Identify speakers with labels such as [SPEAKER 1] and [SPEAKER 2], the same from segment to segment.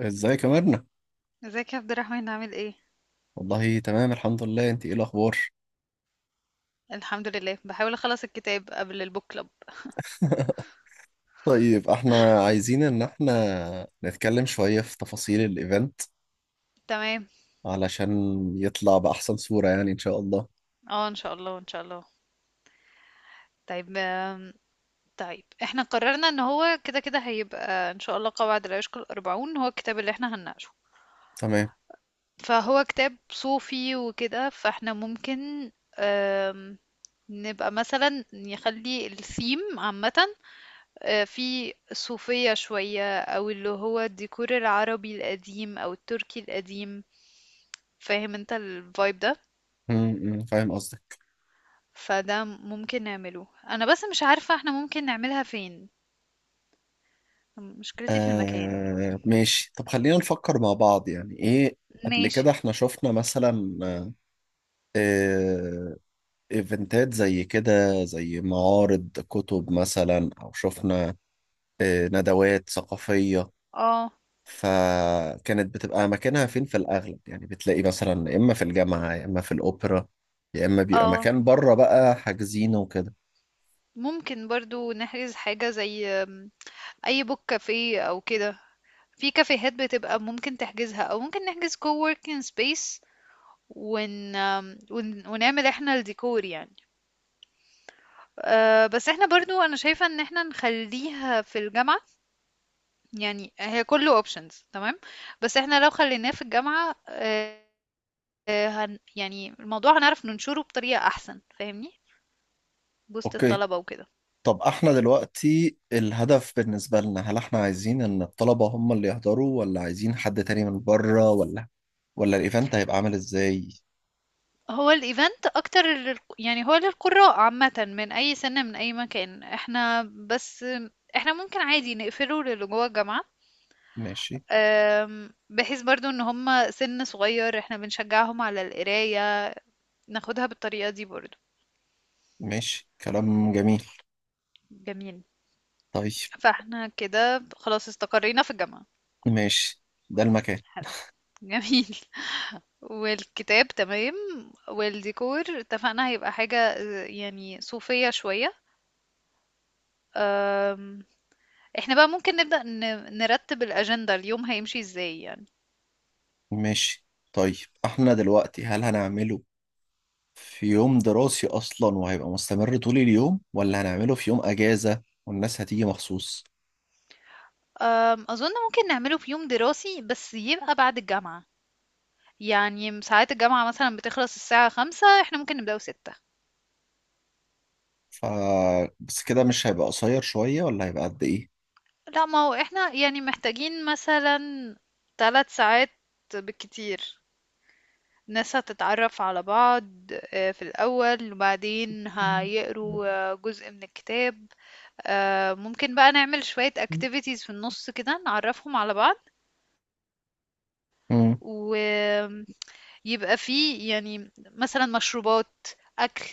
[SPEAKER 1] ازيك يا مرنة؟
[SPEAKER 2] ازيك يا عبد الرحمن عامل ايه؟
[SPEAKER 1] والله تمام الحمد لله، انت ايه الاخبار؟
[SPEAKER 2] الحمد لله، بحاول اخلص الكتاب قبل البوك كلوب.
[SPEAKER 1] طيب، احنا عايزين ان احنا نتكلم شوية في تفاصيل الايفنت،
[SPEAKER 2] تمام.
[SPEAKER 1] علشان يطلع بأحسن صورة يعني ان شاء الله.
[SPEAKER 2] اه، ان شاء الله ان شاء الله. طيب. طيب، احنا قررنا ان هو كده كده هيبقى ان شاء الله قواعد لا يشكل الاربعون هو الكتاب اللي احنا هنناقشه.
[SPEAKER 1] تمام.
[SPEAKER 2] فهو كتاب صوفي وكده، فاحنا ممكن آم، نبقى مثلا نخلي الثيم عامة. في الصوفية شوية، أو اللي هو الديكور العربي القديم أو التركي القديم. فاهم انت الفايب ده؟
[SPEAKER 1] م- م، فاهم قصدك.
[SPEAKER 2] فده ممكن نعمله، انا بس مش عارفة احنا ممكن نعملها فين. مشكلتي في المكان.
[SPEAKER 1] آه ماشي، طب خلينا نفكر مع بعض يعني ايه. قبل
[SPEAKER 2] ماشي.
[SPEAKER 1] كده احنا شفنا مثلا آه ايفنتات زي كده، زي معارض كتب مثلا، او شفنا ندوات ثقافية.
[SPEAKER 2] اه.
[SPEAKER 1] فكانت بتبقى مكانها فين في الأغلب؟ يعني بتلاقي مثلا يا إما في الجامعة، يا إما في الأوبرا، يا إما بيبقى
[SPEAKER 2] اه،
[SPEAKER 1] مكان بره بقى حاجزينه وكده.
[SPEAKER 2] ممكن برضو نحجز حاجة زي اي بوك كافيه او كده. في كافيهات بتبقى ممكن تحجزها، او ممكن نحجز كووركينج سبيس. ونعمل احنا الديكور يعني. بس احنا برضو، انا شايفة ان احنا نخليها في الجامعة. يعني هي كله options، تمام. بس احنا لو خليناه في الجامعة، يعني الموضوع هنعرف ننشره بطريقة أحسن، فاهمني؟ وسط
[SPEAKER 1] أوكي،
[SPEAKER 2] الطلبة وكده.
[SPEAKER 1] طب احنا دلوقتي الهدف بالنسبة لنا، هل احنا عايزين ان الطلبة هم اللي يحضروا، ولا عايزين حد تاني من بره، ولا ولا الايفنت هيبقى عامل ازاي؟
[SPEAKER 2] هو الإيفنت أكتر يعني هو للقراء عامة، من أي سنة من أي مكان. احنا بس احنا ممكن عادي نقفله للي جوه الجامعة.
[SPEAKER 1] ماشي.
[SPEAKER 2] بحيث برضو ان هم سن صغير، احنا بنشجعهم على القراية. ناخدها بالطريقة دي برضو.
[SPEAKER 1] ماشي، كلام جميل.
[SPEAKER 2] جميل.
[SPEAKER 1] طيب.
[SPEAKER 2] فاحنا كده خلاص استقرينا في الجامعة.
[SPEAKER 1] ماشي. ده المكان.
[SPEAKER 2] حلو. جميل. والكتاب تمام. والديكور اتفقنا هيبقى حاجة يعني صوفية شوية. أم، احنا بقى ممكن نبدأ نرتب الأجندة، اليوم هيمشي ازاي يعني؟
[SPEAKER 1] ماشي. طيب احنا دلوقتي هل هنعمله في يوم دراسي أصلا وهيبقى مستمر طول اليوم، ولا هنعمله في يوم أجازة والناس هتيجي مخصوص؟
[SPEAKER 2] أظن ممكن نعمله في يوم دراسي، بس يبقى بعد الجامعة. يعني ساعات الجامعة مثلا بتخلص الساعة 5، احنا ممكن نبدأه 6.
[SPEAKER 1] ف بس كده مش هيبقى قصير شوية، ولا هيبقى قد إيه؟
[SPEAKER 2] لا، ما هو احنا يعني محتاجين مثلا 3 ساعات بالكتير. ناس هتتعرف على بعض في الأول، وبعدين هيقروا جزء من الكتاب. ممكن بقى نعمل شوية activities في النص كده، نعرفهم على بعض.
[SPEAKER 1] مم.
[SPEAKER 2] ويبقى فيه يعني مثلا مشروبات، أكل،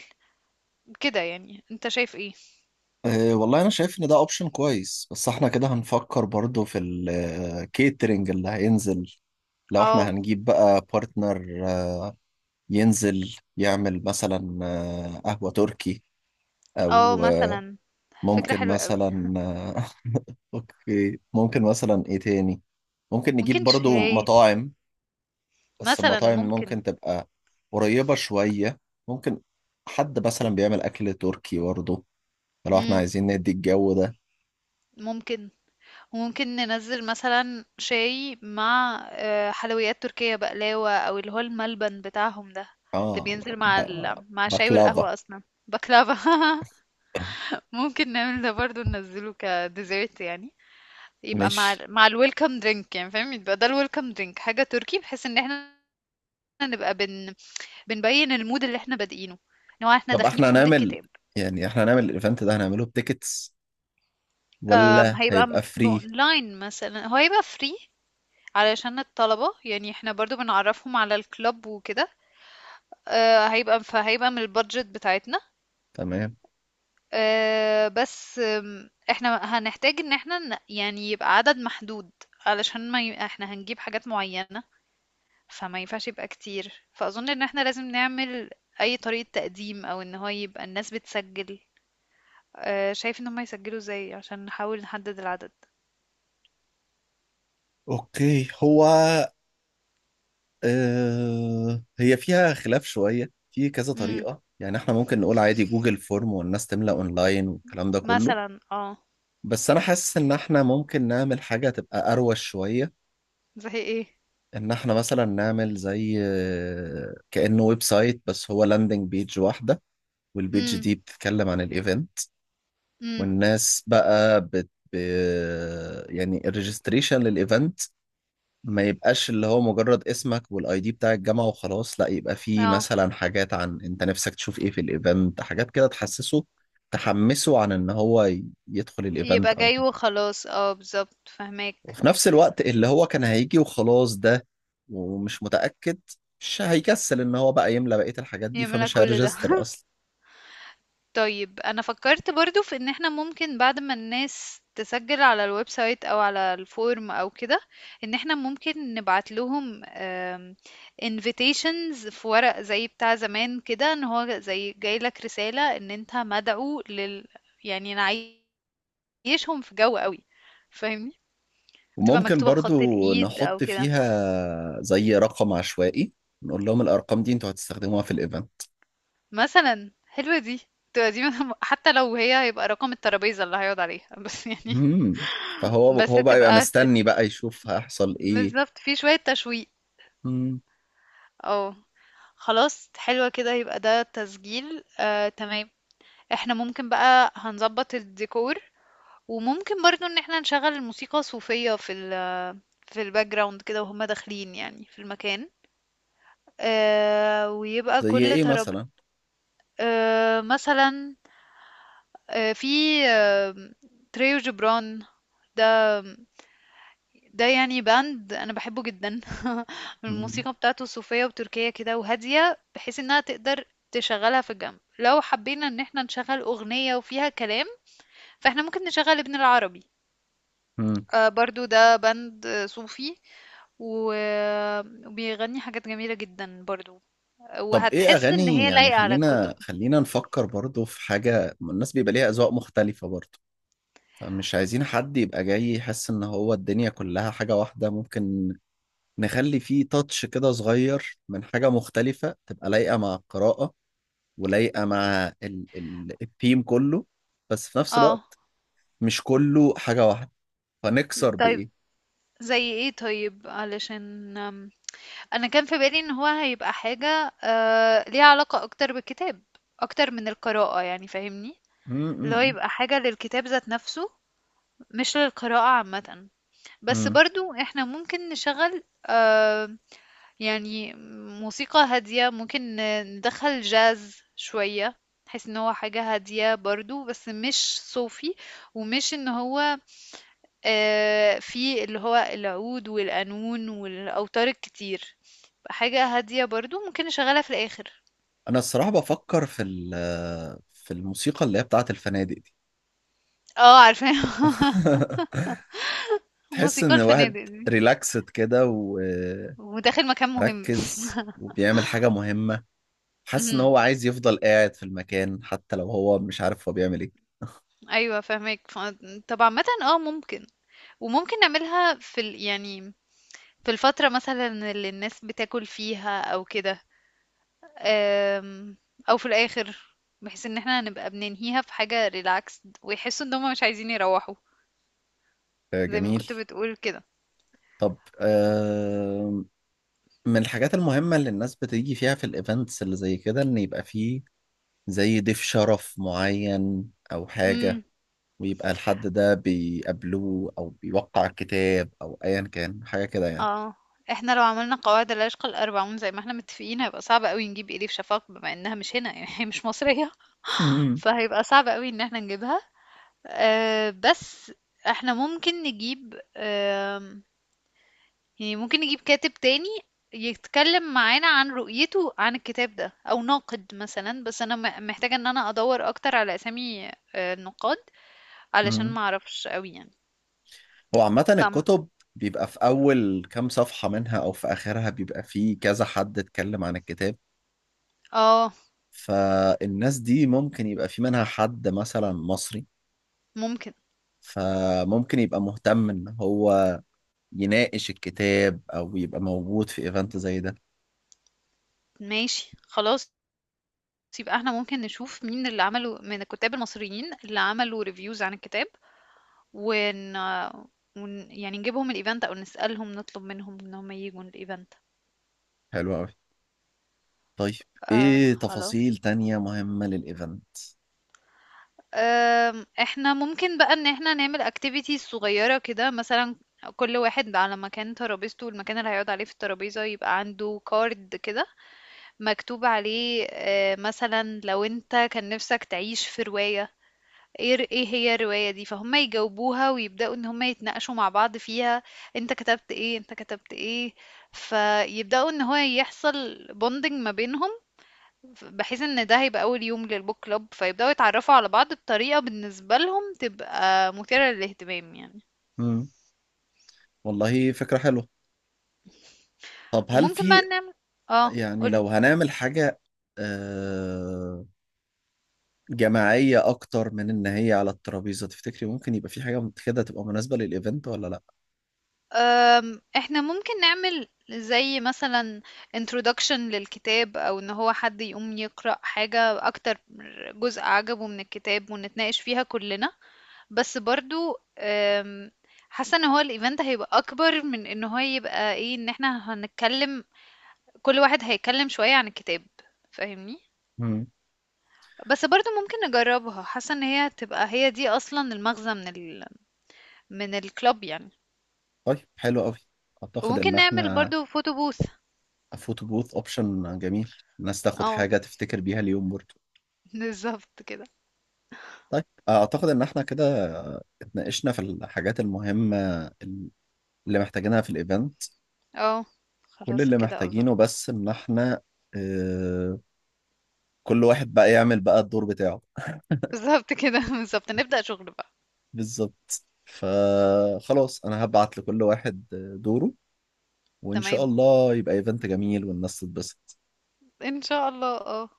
[SPEAKER 2] كده. يعني انت شايف ايه؟
[SPEAKER 1] أه والله أنا شايف إن ده أوبشن كويس، بس إحنا كده هنفكر برضو في الكيترينج اللي هينزل. لو إحنا
[SPEAKER 2] اه.
[SPEAKER 1] هنجيب بقى بارتنر ينزل يعمل مثلا قهوة تركي،
[SPEAKER 2] اه
[SPEAKER 1] أو
[SPEAKER 2] مثلا. فكرة
[SPEAKER 1] ممكن
[SPEAKER 2] حلوة قوي.
[SPEAKER 1] مثلا. اوكي، ممكن مثلا ايه تاني؟ ممكن نجيب
[SPEAKER 2] ممكن
[SPEAKER 1] برضو
[SPEAKER 2] شاي
[SPEAKER 1] مطاعم، بس
[SPEAKER 2] مثلا.
[SPEAKER 1] المطاعم
[SPEAKER 2] ممكن.
[SPEAKER 1] ممكن تبقى قريبة شوية. ممكن حد مثلا بيعمل اكل تركي برضو، لو احنا
[SPEAKER 2] مم.
[SPEAKER 1] عايزين ندي الجو ده.
[SPEAKER 2] ممكن. وممكن ننزل مثلا شاي مع حلويات تركية، بقلاوة، او اللي هو الملبن بتاعهم ده، اللي
[SPEAKER 1] اه.
[SPEAKER 2] بينزل
[SPEAKER 1] ب...
[SPEAKER 2] مع مع الشاي
[SPEAKER 1] بكلافا.
[SPEAKER 2] والقهوة اصلا. بكلافة ممكن نعمل ده برضو، ننزله كديزرت يعني. يبقى مع
[SPEAKER 1] مش،
[SPEAKER 2] مع الويلكم درينك يعني، فاهم؟ يبقى ده الويلكم درينك حاجة تركي، بحيث ان احنا نبقى بنبين المود اللي احنا بادئينه، ان هو احنا
[SPEAKER 1] طب
[SPEAKER 2] داخلين
[SPEAKER 1] احنا
[SPEAKER 2] في مود
[SPEAKER 1] هنعمل،
[SPEAKER 2] الكتاب.
[SPEAKER 1] يعني احنا هنعمل الايفنت ده هنعمله بتيكتس، ولا
[SPEAKER 2] هيبقى
[SPEAKER 1] هيبقى فري؟
[SPEAKER 2] اونلاين، مثلا هو هيبقى فري. علشان الطلبة، يعني احنا برضو بنعرفهم على الكلاب وكده. فهيبقى من البادجت بتاعتنا.
[SPEAKER 1] تمام.
[SPEAKER 2] آه، بس آم، احنا هنحتاج ان احنا يعني يبقى عدد محدود. علشان ما احنا هنجيب حاجات معينة. فما ينفعش يبقى كتير، فأظن ان احنا لازم نعمل اي طريقة تقديم، او ان هو يبقى الناس بتسجل. شايف ان هم يسجلوا ازاي عشان نحاول نحدد العدد؟
[SPEAKER 1] اوكي هو هي فيها خلاف شوية في كذا
[SPEAKER 2] امم.
[SPEAKER 1] طريقة، يعني احنا ممكن نقول عادي جوجل فورم والناس تملأ اونلاين والكلام ده كله،
[SPEAKER 2] مثلا اه.
[SPEAKER 1] بس انا حاسس ان احنا ممكن نعمل حاجة تبقى اروش شوية.
[SPEAKER 2] زي ايه؟
[SPEAKER 1] ان احنا مثلا نعمل زي كأنه ويب سايت بس هو لاندنج بيج واحدة، والبيج
[SPEAKER 2] امم.
[SPEAKER 1] دي بتتكلم عن الايفنت.
[SPEAKER 2] امم.
[SPEAKER 1] والناس بقى يعني الريجستريشن للايفنت ما يبقاش اللي هو مجرد اسمك والاي دي بتاع الجامعة وخلاص، لا يبقى فيه
[SPEAKER 2] اه،
[SPEAKER 1] مثلا حاجات عن انت نفسك تشوف ايه في الايفنت، حاجات كده تحسسه، تحمسه عن ان هو يدخل الايفنت
[SPEAKER 2] يبقى
[SPEAKER 1] او
[SPEAKER 2] جاي
[SPEAKER 1] كده.
[SPEAKER 2] وخلاص، اه بالظبط، فهماك.
[SPEAKER 1] وفي نفس الوقت اللي هو كان هيجي وخلاص ده، ومش متأكد، مش هيكسل ان هو بقى يملى بقية الحاجات دي،
[SPEAKER 2] يملى
[SPEAKER 1] فمش
[SPEAKER 2] كل ده
[SPEAKER 1] هيرجستر اصلا.
[SPEAKER 2] طيب، انا فكرت برضو في ان احنا ممكن بعد ما الناس تسجل على الويب سايت، او على الفورم او كده، ان احنا ممكن نبعت لهم invitations في ورق زي بتاع زمان كده، ان هو زي جاي لك رسالة ان انت مدعو يعني نعيشهم في جو قوي، فاهمني؟ تبقى
[SPEAKER 1] وممكن
[SPEAKER 2] مكتوبة بخط
[SPEAKER 1] برضو
[SPEAKER 2] الايد او
[SPEAKER 1] نحط
[SPEAKER 2] كده.
[SPEAKER 1] فيها زي رقم عشوائي، نقول لهم الارقام دي انتوا هتستخدموها في الايفنت.
[SPEAKER 2] مثلا حلوة دي. تبقى دي حتى لو هي هيبقى رقم الترابيزة اللي هيقعد عليها بس يعني.
[SPEAKER 1] مم. فهو
[SPEAKER 2] بس
[SPEAKER 1] هو بقى يبقى
[SPEAKER 2] تبقى
[SPEAKER 1] مستني بقى يشوف هيحصل ايه.
[SPEAKER 2] بالظبط، في شوية تشويق.
[SPEAKER 1] مم.
[SPEAKER 2] اه، خلاص حلوة كده. يبقى ده تسجيل، تمام. احنا ممكن بقى هنظبط الديكور. وممكن برضو ان احنا نشغل الموسيقى صوفية في في الباك جراوند كده، وهم داخلين يعني في المكان. ويبقى
[SPEAKER 1] زي
[SPEAKER 2] كل
[SPEAKER 1] ايه
[SPEAKER 2] ترابيزة
[SPEAKER 1] مثلا؟
[SPEAKER 2] مثلا. آه، في آه، تريو جبران، ده ده يعني باند انا بحبه جدا
[SPEAKER 1] مم.
[SPEAKER 2] الموسيقى بتاعته صوفية وتركية كده وهادية، بحيث انها تقدر تشغلها في الجنب. لو حبينا ان احنا نشغل اغنية وفيها كلام، فاحنا ممكن نشغل ابن العربي.
[SPEAKER 1] مم.
[SPEAKER 2] برضو ده باند صوفي، و- وبيغني حاجات جميلة جدا برضو.
[SPEAKER 1] طب ايه
[SPEAKER 2] وهتحس ان
[SPEAKER 1] اغاني؟
[SPEAKER 2] هي
[SPEAKER 1] يعني
[SPEAKER 2] لايقة على الكتب.
[SPEAKER 1] خلينا خلينا نفكر برضو في حاجة، الناس بيبقى ليها اذواق مختلفة برضو، فمش عايزين حد يبقى جاي يحس ان هو الدنيا كلها حاجة واحدة. ممكن نخلي فيه تاتش كده صغير من حاجة مختلفة، تبقى لايقة مع القراءة ولايقة مع ال ال الثيم كله، بس في نفس
[SPEAKER 2] اه.
[SPEAKER 1] الوقت مش كله حاجة واحدة. فنكسر
[SPEAKER 2] طيب،
[SPEAKER 1] بإيه؟
[SPEAKER 2] زي ايه؟ طيب علشان، أنا كان في بالي إن هو هيبقى حاجة ليها علاقة أكتر بالكتاب، أكتر من القراءة يعني، فاهمني؟ اللي هو
[SPEAKER 1] مم.
[SPEAKER 2] يبقى حاجة للكتاب ذات نفسه، مش للقراءة عامة. بس
[SPEAKER 1] مم.
[SPEAKER 2] برضو احنا ممكن نشغل يعني موسيقى هادية. ممكن ندخل جاز شوية، بحيث ان هو حاجة هادية برضو، بس مش صوفي. ومش ان هو في اللي هو العود والقانون والأوتار الكتير، حاجة هادية برضه ممكن نشغّلها في الآخر.
[SPEAKER 1] انا الصراحه بفكر في في الموسيقى اللي هي بتاعه الفنادق دي.
[SPEAKER 2] عارفاها.
[SPEAKER 1] تحس
[SPEAKER 2] موسيقى
[SPEAKER 1] ان واحد
[SPEAKER 2] الفنادق دي،
[SPEAKER 1] ريلاكسد كده وركز،
[SPEAKER 2] وداخل مكان مهم.
[SPEAKER 1] وبيعمل حاجه مهمه، حاسس ان
[SPEAKER 2] اهم،
[SPEAKER 1] هو عايز يفضل قاعد في المكان حتى لو هو مش عارف هو بيعمل ايه.
[SPEAKER 2] أيوه فاهماك. طب عامةً ممكن. وممكن نعملها في يعني في الفترة مثلًا اللي الناس بتاكل فيها أو كده، آمم، أو في الآخر، بحيث إن إحنا هنبقى بننهيها في حاجة relaxed، ويحسّوا إن هُم مش عايزين يروّحوا،
[SPEAKER 1] آه،
[SPEAKER 2] زي ما
[SPEAKER 1] جميل.
[SPEAKER 2] كنت بتقول كده.
[SPEAKER 1] طب من الحاجات المهمه اللي الناس بتيجي فيها في الايفنتس اللي زي كده، ان يبقى فيه زي ضيف شرف معين او حاجه،
[SPEAKER 2] إمم.
[SPEAKER 1] ويبقى الحد ده بيقابلوه او بيوقع الكتاب او ايا كان، حاجه كده يعني.
[SPEAKER 2] اه. احنا لو عملنا قواعد العشق الأربعون زي ما احنا متفقين، هيبقى صعب قوي نجيب إليف شفاق بما انها مش هنا يعني هي مش مصرية.
[SPEAKER 1] مم.
[SPEAKER 2] فهيبقى صعب قوي ان احنا نجيبها. بس احنا ممكن نجيب يعني ممكن نجيب كاتب تاني يتكلم معانا عن رؤيته عن الكتاب ده، او ناقد مثلا. بس انا محتاجة ان انا ادور اكتر على اسامي النقاد، علشان
[SPEAKER 1] مم.
[SPEAKER 2] ما اعرفش قوي يعني.
[SPEAKER 1] هو عامه
[SPEAKER 2] فم
[SPEAKER 1] الكتب بيبقى في اول كام صفحه منها او في اخرها بيبقى فيه كذا حد اتكلم عن الكتاب،
[SPEAKER 2] اه.
[SPEAKER 1] فالناس دي ممكن يبقى في منها حد مثلا مصري،
[SPEAKER 2] ممكن.
[SPEAKER 1] فممكن يبقى مهتم ان هو يناقش الكتاب او يبقى موجود في ايفنت زي ده.
[SPEAKER 2] ماشي، خلاص. بُصّي بقى، إحنا ممكن نشوف مين اللي عملوا، من الكُتّاب المصريين اللي عملوا reviews عن الكتاب، ون ون يعني نجيبهم الevent أو نسألهم، نطلب منهم إن هم ييجوا الevent.
[SPEAKER 1] حلو قوي. طيب،
[SPEAKER 2] آه
[SPEAKER 1] ايه
[SPEAKER 2] خلا
[SPEAKER 1] تفاصيل تانية مهمة للايفنت؟
[SPEAKER 2] آمم، إحنا ممكن بقى إن إحنا نعمل activities صغيرة كده، مثلًا كل واحد على مكان ترابيزته، المكان اللي هيقعد عليه في الترابيزة يبقى عنده card كده، مكتوب عليه مثلًا لو أنت كان نِفْسك تعيش في رواية، إيه هي الرواية دي؟ فهم يجاوبوها ويبدأوا ان هم يتناقشوا مع بعض فيها. انت كتبت ايه، انت كتبت ايه؟ فيبدأوا ان هو يحصل بوندنج ما بينهم. بحيث ان ده هيبقى اول يوم للبوك كلوب، فيبدأوا يتعرفوا على بعض بطريقة بالنسبة لهم تبقى مثيرة للاهتمام يعني.
[SPEAKER 1] مم. والله فكرة حلوة. طب هل
[SPEAKER 2] وممكن بقى
[SPEAKER 1] في،
[SPEAKER 2] نعمل. اه.
[SPEAKER 1] يعني
[SPEAKER 2] قولي.
[SPEAKER 1] لو هنعمل حاجة آه، جماعية أكتر من إن هي على الترابيزة، تفتكري ممكن يبقى في حاجة كده تبقى مناسبة للإيفنت ولا لأ؟
[SPEAKER 2] احنا ممكن نعمل زي مثلا introduction للكتاب، او ان هو حد يقوم يقرأ حاجة، اكتر جزء عجبه من الكتاب، ونتناقش فيها كلنا. بس برضو حاسة ان هو الايفنت هيبقى اكبر من ان هو يبقى ايه، ان احنا هنتكلم كل واحد هيتكلم شوية عن الكتاب، فاهمني؟
[SPEAKER 1] مم.
[SPEAKER 2] بس برضو ممكن نجربها. حاسة ان هي هتبقى هي دي اصلا المغزى من من الكلاب يعني.
[SPEAKER 1] طيب، حلو أوي. أعتقد إن
[SPEAKER 2] وممكن نعمل
[SPEAKER 1] إحنا،
[SPEAKER 2] برضو فوتو بوث.
[SPEAKER 1] فوتو بوث أوبشن جميل، الناس تاخد
[SPEAKER 2] اه.
[SPEAKER 1] حاجة تفتكر بيها اليوم برضه.
[SPEAKER 2] بالظبط كده.
[SPEAKER 1] طيب أعتقد إن إحنا كده اتناقشنا في الحاجات المهمة اللي محتاجينها في الإيفنت.
[SPEAKER 2] اه.
[SPEAKER 1] كل
[SPEAKER 2] خلاص
[SPEAKER 1] اللي
[SPEAKER 2] كده، اظن.
[SPEAKER 1] محتاجينه بس إن إحنا آه، كل واحد بقى يعمل بقى الدور بتاعه.
[SPEAKER 2] بالظبط كده بالظبط، نبدأ شغل بقى.
[SPEAKER 1] بالظبط، فخلاص انا هبعت لكل واحد دوره، وان شاء
[SPEAKER 2] تمام.
[SPEAKER 1] الله يبقى ايفنت جميل والناس تتبسط.
[SPEAKER 2] ان شاء الله، اه.